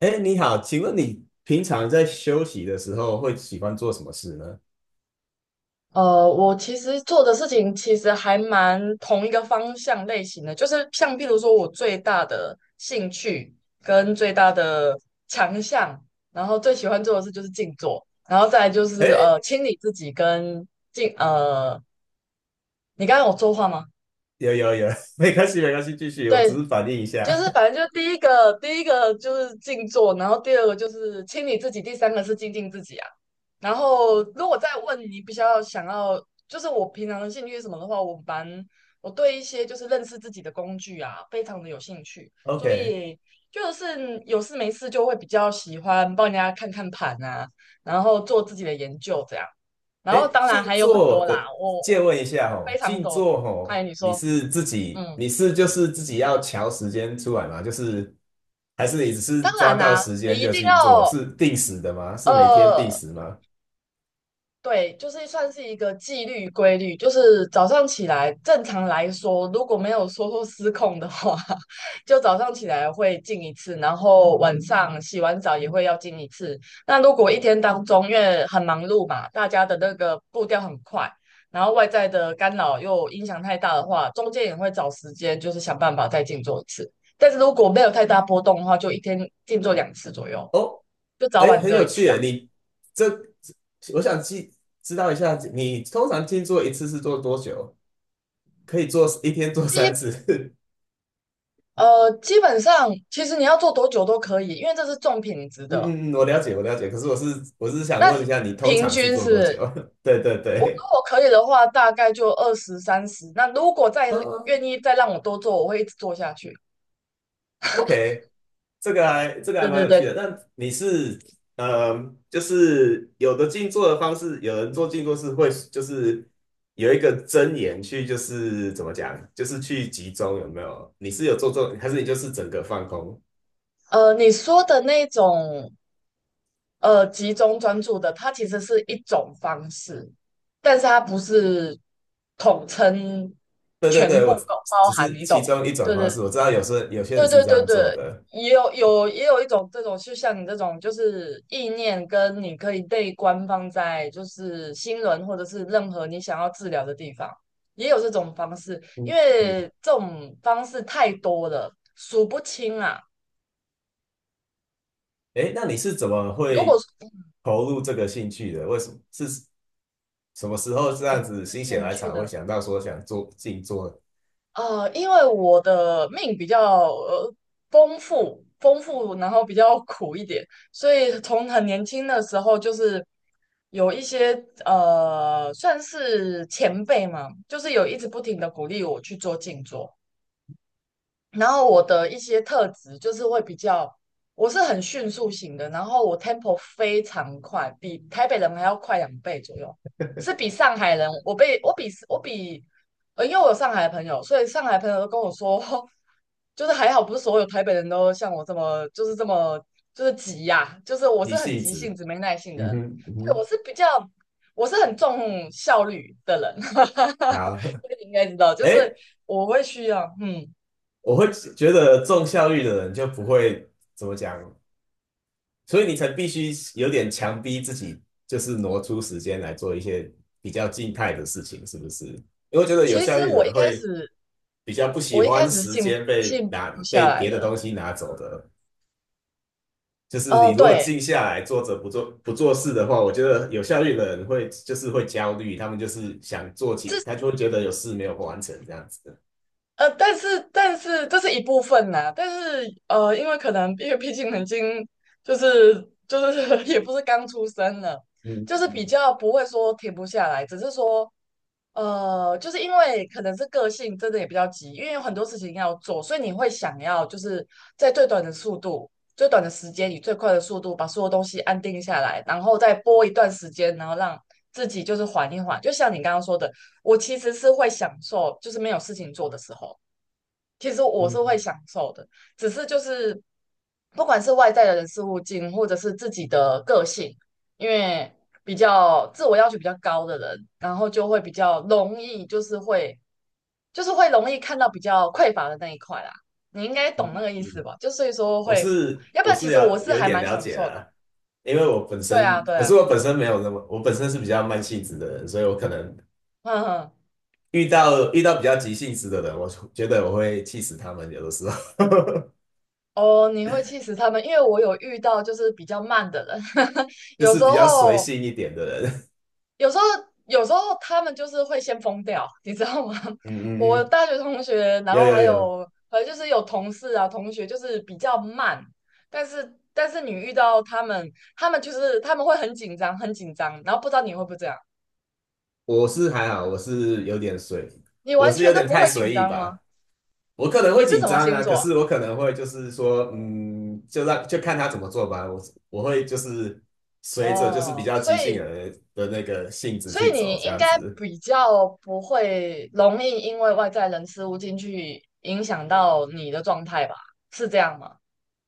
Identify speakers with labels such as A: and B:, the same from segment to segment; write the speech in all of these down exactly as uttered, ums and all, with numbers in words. A: 哎，你好，请问你平常在休息的时候会喜欢做什么事呢？
B: 呃，我其实做的事情其实还蛮同一个方向类型的，就是像譬如说我最大的兴趣跟最大的强项，然后最喜欢做的事就是静坐，然后再来就
A: 哎，
B: 是呃清理自己跟静呃，你刚刚有说话吗？
A: 有有有，没关系没关系，继续，我只
B: 对，
A: 是反应一下。
B: 就是反正就第一个，第一个就是静坐，然后第二个就是清理自己，第三个是精进自己啊。然后如果再问你比较想要，就是我平常的兴趣是什么的话，我蛮我对一些就是认识自己的工具啊，非常的有兴趣，所
A: OK，
B: 以就是有事没事就会比较喜欢帮人家看看盘啊，然后做自己的研究这样。然
A: 哎，
B: 后当然
A: 静
B: 还有很
A: 坐
B: 多啦，
A: 的，
B: 我
A: 借
B: 我
A: 问一下
B: 我
A: 哦，
B: 非常
A: 静
B: 多。
A: 坐哦，
B: 哎，你
A: 你
B: 说，
A: 是自己，
B: 嗯。
A: 你是就是自己要调时间出来吗？就是，还是你只是
B: 当
A: 抓
B: 然
A: 到
B: 啦、
A: 时
B: 你
A: 间
B: 一
A: 就
B: 定
A: 静坐，
B: 要
A: 是定时的吗？是每天定
B: 呃，
A: 时吗？
B: 对，就是算是一个纪律规律，就是早上起来，正常来说，如果没有说失控的话，就早上起来会进一次，然后晚上洗完澡也会要进一次。那如果一天当中，因为很忙碌嘛，大家的那个步调很快，然后外在的干扰又影响太大的话，中间也会找时间，就是想办法再静坐一次。但是如果没有太大波动的话，就一天静坐两次左右。
A: 哦，
B: 就早
A: 哎，
B: 晚
A: 很
B: 各
A: 有
B: 一
A: 趣
B: 次啊。
A: 耶！你这，我想记知道一下，你通常静坐一次是做多久？可以做一天做三
B: 基
A: 次？
B: 呃，基本上其实你要做多久都可以，因为这是重品质
A: 嗯
B: 的。
A: 嗯嗯，我了解，我了解。可是我是我是想问一
B: 那
A: 下，你通
B: 平
A: 常是
B: 均
A: 做
B: 是不
A: 多
B: 是，如
A: 久？对对对，
B: 果可以的话，大概就二十三十。那如果再
A: 哦，
B: 愿意再让我多做，我会一直做下去。
A: OK，这个还这个还
B: 对
A: 蛮
B: 对
A: 有趣
B: 对。
A: 的。那你是嗯，就是有的静坐的方式，有人做静坐是会就是有一个真言去，就是怎么讲，就是去集中，有没有？你是有做做，还是你就是整个放空？
B: 呃，你说的那种呃集中专注的，它其实是一种方式，但是它不是统称
A: 对对
B: 全
A: 对，
B: 部
A: 我
B: 都包
A: 只
B: 含，
A: 是
B: 你
A: 其
B: 懂吗？
A: 中一种
B: 对
A: 方
B: 对
A: 式。我知道有时候有些人
B: 对
A: 是
B: 对
A: 这
B: 对
A: 样
B: 对。
A: 做的。
B: 也有有也有一种这种，就像你这种，就是意念跟你可以被官方在就是新闻或者是任何你想要治疗的地方，也有这种方式，
A: 嗯
B: 因
A: 嗯。
B: 为这种方式太多了，数不清啊。
A: 诶，那你是怎么
B: 如果
A: 会
B: 说你
A: 投入这个兴趣的？为什么是什么时候这样子
B: 有
A: 心血
B: 兴
A: 来
B: 趣
A: 潮会
B: 的。
A: 想到说想做静坐？
B: 呃，因为我的命比较呃丰富，丰富，然后比较苦一点，所以从很年轻的时候就是有一些呃，算是前辈嘛，就是有一直不停的鼓励我去做静坐，然后我的一些特质就是会比较，我是很迅速型的，然后我 tempo 非常快，比台北人还要快两倍左右，是比上海人，我被我比我比，呃，因为我有上海的朋友，所以上海朋友都跟我说，就是还好不是所有台北人都像我这么就是这么就是急呀、就是我
A: 你
B: 是很
A: 性
B: 急
A: 值，
B: 性子、没耐性的
A: 嗯
B: 人，
A: 哼，嗯
B: 对，
A: 哼，
B: 我是比较。我是很重效率的人，
A: 好，
B: 所以你应该知道，就是
A: 哎，
B: 我会需要，嗯。
A: 我会觉得重效率的人就不会怎么讲，所以你才必须有点强逼自己，就是挪出时间来做一些比较静态的事情，是不是？因为我觉得有
B: 其
A: 效
B: 实
A: 率的
B: 我一
A: 人
B: 开
A: 会
B: 始，
A: 比较不喜
B: 我一开
A: 欢
B: 始是
A: 时
B: 静不
A: 间被
B: 静
A: 拿
B: 不下
A: 被
B: 来
A: 别的
B: 的。
A: 东西拿走的，就是你
B: 哦、
A: 如果
B: 对。
A: 静下来坐着不做不做事的话，我觉得有效率的人会就是会焦虑，他们就是想做起，他就会觉得有事没有完成这样子。的，
B: 呃，但是但是这是一部分呐、但是呃，因为可能因为毕竟已经就是就是 也不是刚出生了，
A: 嗯
B: 就是比
A: 嗯。
B: 较不会说停不下来，只是说呃，就是因为可能是个性真的也比较急，因为有很多事情要做，所以你会想要就是在最短的速度、最短的时间以最快的速度把所有东西安定下来，然后再播一段时间，然后让自己就是缓一缓。就像你刚刚说的，我其实是会享受就是没有事情做的时候。其实我
A: 嗯
B: 是会享受的，只是就是不管是外在的人事物进，或者是自己的个性，因为比较自我要求比较高的人，然后就会比较容易，就是会就是会容易看到比较匮乏的那一块啦。你应该懂那个意思
A: 嗯，
B: 吧？就所以说
A: 我
B: 会，
A: 是
B: 要不
A: 我
B: 然其
A: 是
B: 实我
A: 了
B: 是
A: 有一
B: 还
A: 点
B: 蛮
A: 了
B: 享
A: 解
B: 受的。
A: 啦，因为我本
B: 对啊，
A: 身，
B: 对
A: 可是
B: 啊。
A: 我本身没有那么，我本身是比较慢性子的人，所以我可能
B: 嗯哼。
A: 遇到遇到比较急性子的人，我觉得我会气死他们，有的时候
B: 哦，你会气死他们，因为我有遇到就是比较慢的人，
A: 就
B: 有
A: 是
B: 时
A: 比较随
B: 候
A: 性一点的人。
B: 有时候，有时候他们就是会先疯掉，你知道吗？
A: 嗯嗯
B: 我
A: 嗯，
B: 大学同学，然
A: 有
B: 后
A: 有
B: 还
A: 有，
B: 有，反正就是有同事啊，同学就是比较慢，但是但是你遇到他们，他们就是他们会很紧张，很紧张，然后不知道你会不会这样，
A: 我是还好，我是有点随，
B: 你
A: 我
B: 完
A: 是有
B: 全都
A: 点
B: 不
A: 太
B: 会紧
A: 随意
B: 张吗？
A: 吧。我可能会
B: 你是
A: 紧
B: 什么
A: 张
B: 星
A: 啊，可
B: 座啊？
A: 是我可能会就是说，嗯，就让就看他怎么做吧。我我会就是随着就是比
B: 哦，
A: 较
B: 所
A: 即兴
B: 以
A: 的的那个性质
B: 所
A: 去
B: 以
A: 走，
B: 你
A: 这
B: 应
A: 样
B: 该
A: 子
B: 比较不会容易因为外在人事物进去影响到你的状态吧？是这样吗？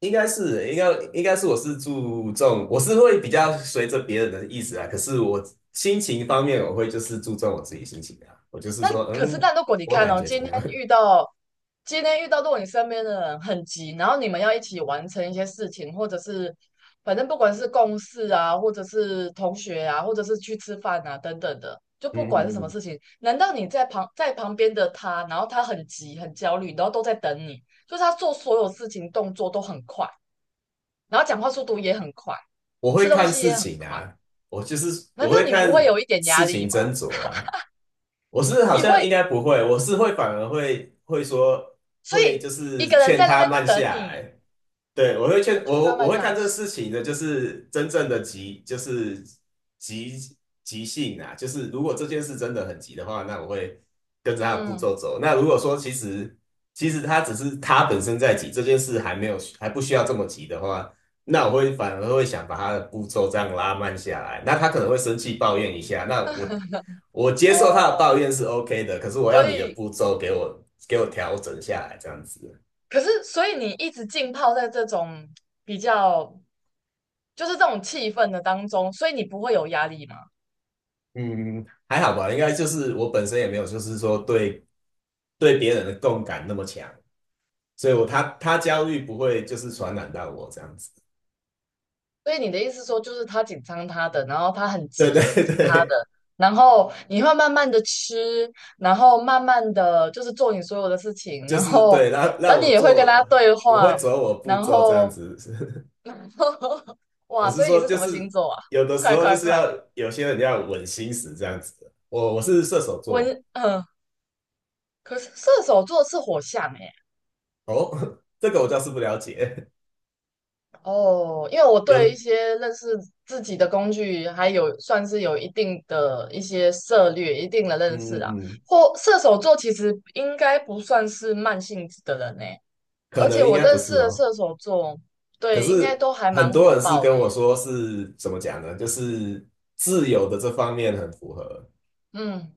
A: 应该是应该应该是我是注重我是会比较随着别人的意思啊，可是我心情方面我会就是注重我自己心情啊，我就是
B: 那
A: 说，
B: 可是，
A: 嗯，
B: 但如果你
A: 我
B: 看
A: 感
B: 哦，
A: 觉怎
B: 今
A: 么样？
B: 天遇 到今天遇到，如果你身边的人很急，然后你们要一起完成一些事情，或者是反正不管是共事啊，或者是同学啊，或者是去吃饭啊等等的，就
A: 嗯
B: 不管是
A: 嗯
B: 什么
A: 嗯，
B: 事情，难道你在旁在旁边的他，然后他很急很焦虑，然后都在等你，就是他做所有事情动作都很快，然后讲话速度也很快，
A: 我会
B: 吃东
A: 看
B: 西
A: 事
B: 也很
A: 情
B: 快，
A: 啊，我就是
B: 难
A: 我
B: 道
A: 会
B: 你不会
A: 看
B: 有一点压
A: 事
B: 力
A: 情
B: 吗？
A: 斟酌啦、我是好
B: 你
A: 像
B: 会，
A: 应该不会，我是会反而会会说
B: 所
A: 会就
B: 以一
A: 是
B: 个人
A: 劝
B: 在那
A: 他
B: 边
A: 慢下
B: 等你。
A: 来，对，我会
B: 我
A: 劝
B: 劝他
A: 我我
B: 们
A: 会
B: 来
A: 看这个
B: 是，
A: 事情的，就是真正的急，就是急急性啊，就是如果这件事真的很急的话，那我会跟着他的步
B: 嗯。
A: 骤走。那如果说其实其实他只是他本身在急，这件事还没有还不需要这么急的话，那我会反而会想把他的步骤这样拉慢下来。那他可能会生气抱怨一下，那我我接受他的抱
B: 哦，
A: 怨是 OK 的，可是我
B: 所
A: 要你的
B: 以，
A: 步骤给我给我调整下来，这样子。
B: 可是，所以你一直浸泡在这种比较，就是这种气氛的当中，所以你不会有压力嘛？
A: 嗯，还好吧，应该就是我本身也没有，就是说对对别人的共感那么强，所以我他他焦
B: 哦，
A: 虑不会就是传染到我这样子。
B: 所以你的意思说，就是他紧张他的，然后他很
A: 对
B: 急
A: 对
B: 急他的，
A: 对，
B: 然后你会慢慢的吃，然后慢慢的就是做你所有的事情，
A: 就
B: 然
A: 是
B: 后，
A: 对，让让
B: 但你
A: 我
B: 也会跟
A: 做，
B: 他对
A: 我会
B: 话，
A: 走我步
B: 然
A: 骤这样
B: 后，
A: 子。我
B: 哇，
A: 是
B: 所以你
A: 说，
B: 是
A: 就
B: 什么星
A: 是
B: 座啊？
A: 有的时
B: 快
A: 候就
B: 快
A: 是
B: 快。
A: 要有些人要稳心思这样子。我我是射手座
B: 温，嗯。可是射手座是火象诶、
A: 哦，这个我倒是不了解。
B: 哦，因为我
A: 有，
B: 对一
A: 嗯
B: 些认识自己的工具还有算是有一定的一些涉略、一定的认识
A: 嗯
B: 啊。
A: 嗯，
B: 或射手座其实应该不算是慢性子的人呢、
A: 可
B: 而且
A: 能应
B: 我
A: 该不
B: 认识
A: 是
B: 的
A: 哦。
B: 射手座，
A: 可
B: 对，应该
A: 是
B: 都还蛮
A: 很多
B: 火
A: 人是
B: 爆
A: 跟
B: 的耶。
A: 我说是怎么讲呢？就是自由的这方面很符合，
B: 嗯。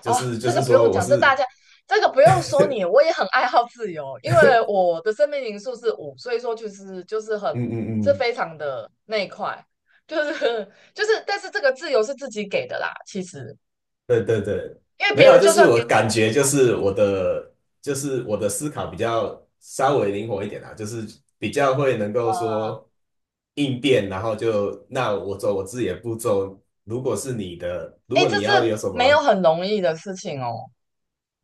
A: 就
B: 哦，
A: 是就
B: 这个
A: 是
B: 不
A: 说
B: 用
A: 我
B: 讲，这大
A: 是
B: 家这个不用说你，我也很爱好自由，因为我的生命灵数是五，所以说就是就是很
A: 嗯嗯
B: 这
A: 嗯，
B: 非常的那一块，就是就是，但是这个自由是自己给的啦，其实
A: 对对对，
B: 因为
A: 没
B: 别
A: 有，
B: 人
A: 就
B: 就
A: 是
B: 算
A: 我
B: 给我，
A: 感觉就是我的就是我的思考比较稍微灵活一点啊，就是比较会能够说应变，然后就那我走我自己的步骤。如果是你的，如
B: 哎，
A: 果
B: 这
A: 你要
B: 是
A: 有什
B: 没有
A: 么
B: 很容易的事情哦，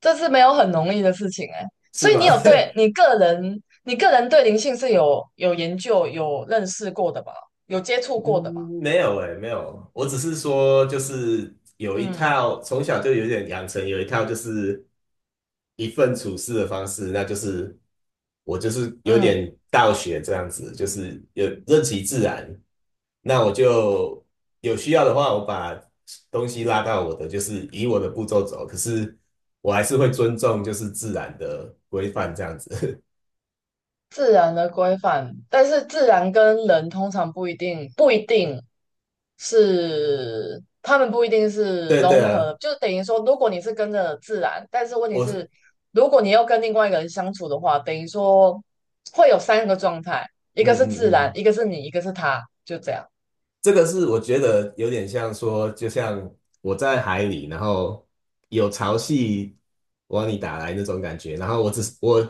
B: 这是没有很容易的事情哎，所
A: 是
B: 以
A: 吗？
B: 你有对 你个人你个人对灵性是有有研究有认识过的吧？有接触过的吧？
A: 嗯，没有诶，没有，我只是说就是有一
B: 嗯
A: 套，从小就有点养成有一套就是一份处事的方式，那就是我就是有
B: 嗯。
A: 点道学这样子，就是有任其自然。那我就有需要的话，我把东西拉到我的，就是以我的步骤走。可是我还是会尊重就是自然的规范这样子。
B: 自然的规范，但是自然跟人通常不一定不一定是，他们不一定 是
A: 对对
B: 融
A: 啊，
B: 合，就等于说，如果你是跟着自然，但是问题是，
A: 我
B: 如果你要跟另外一个人相处的话，等于说会有三个状态，一
A: 嗯
B: 个是自
A: 嗯
B: 然，
A: 嗯。
B: 一个是你，一个是他，就这样。
A: 这个是我觉得有点像说，就像我在海里，然后有潮汐往你打来那种感觉，然后我只是我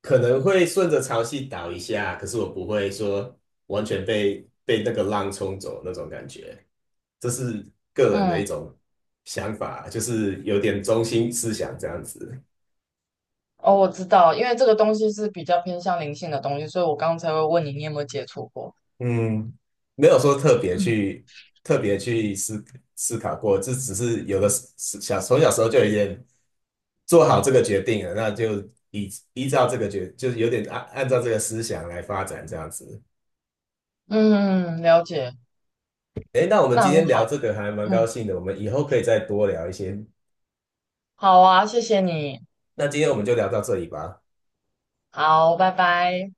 A: 可能会顺着潮汐倒一下，可是我不会说完全被被那个浪冲走那种感觉，这是个人的一
B: 嗯。
A: 种想法，就是有点中心思想这样子。
B: 哦，我知道，因为这个东西是比较偏向灵性的东西，所以我刚才会问你，你有没有接触过？
A: 嗯，没有说特别
B: 嗯
A: 去特别去思思考过，这只是有的时小从小时候就有点做好这个决定了，那就依依照这个决，就是有点按按照这个思想来发展这样子。
B: 嗯。了解，
A: 诶，那我们
B: 那
A: 今
B: 很
A: 天
B: 好，
A: 聊这个还蛮高
B: 嗯，
A: 兴的，我们以后可以再多聊一些。
B: 好啊，谢谢你。
A: 那今天我们就聊到这里吧。
B: 好，拜拜。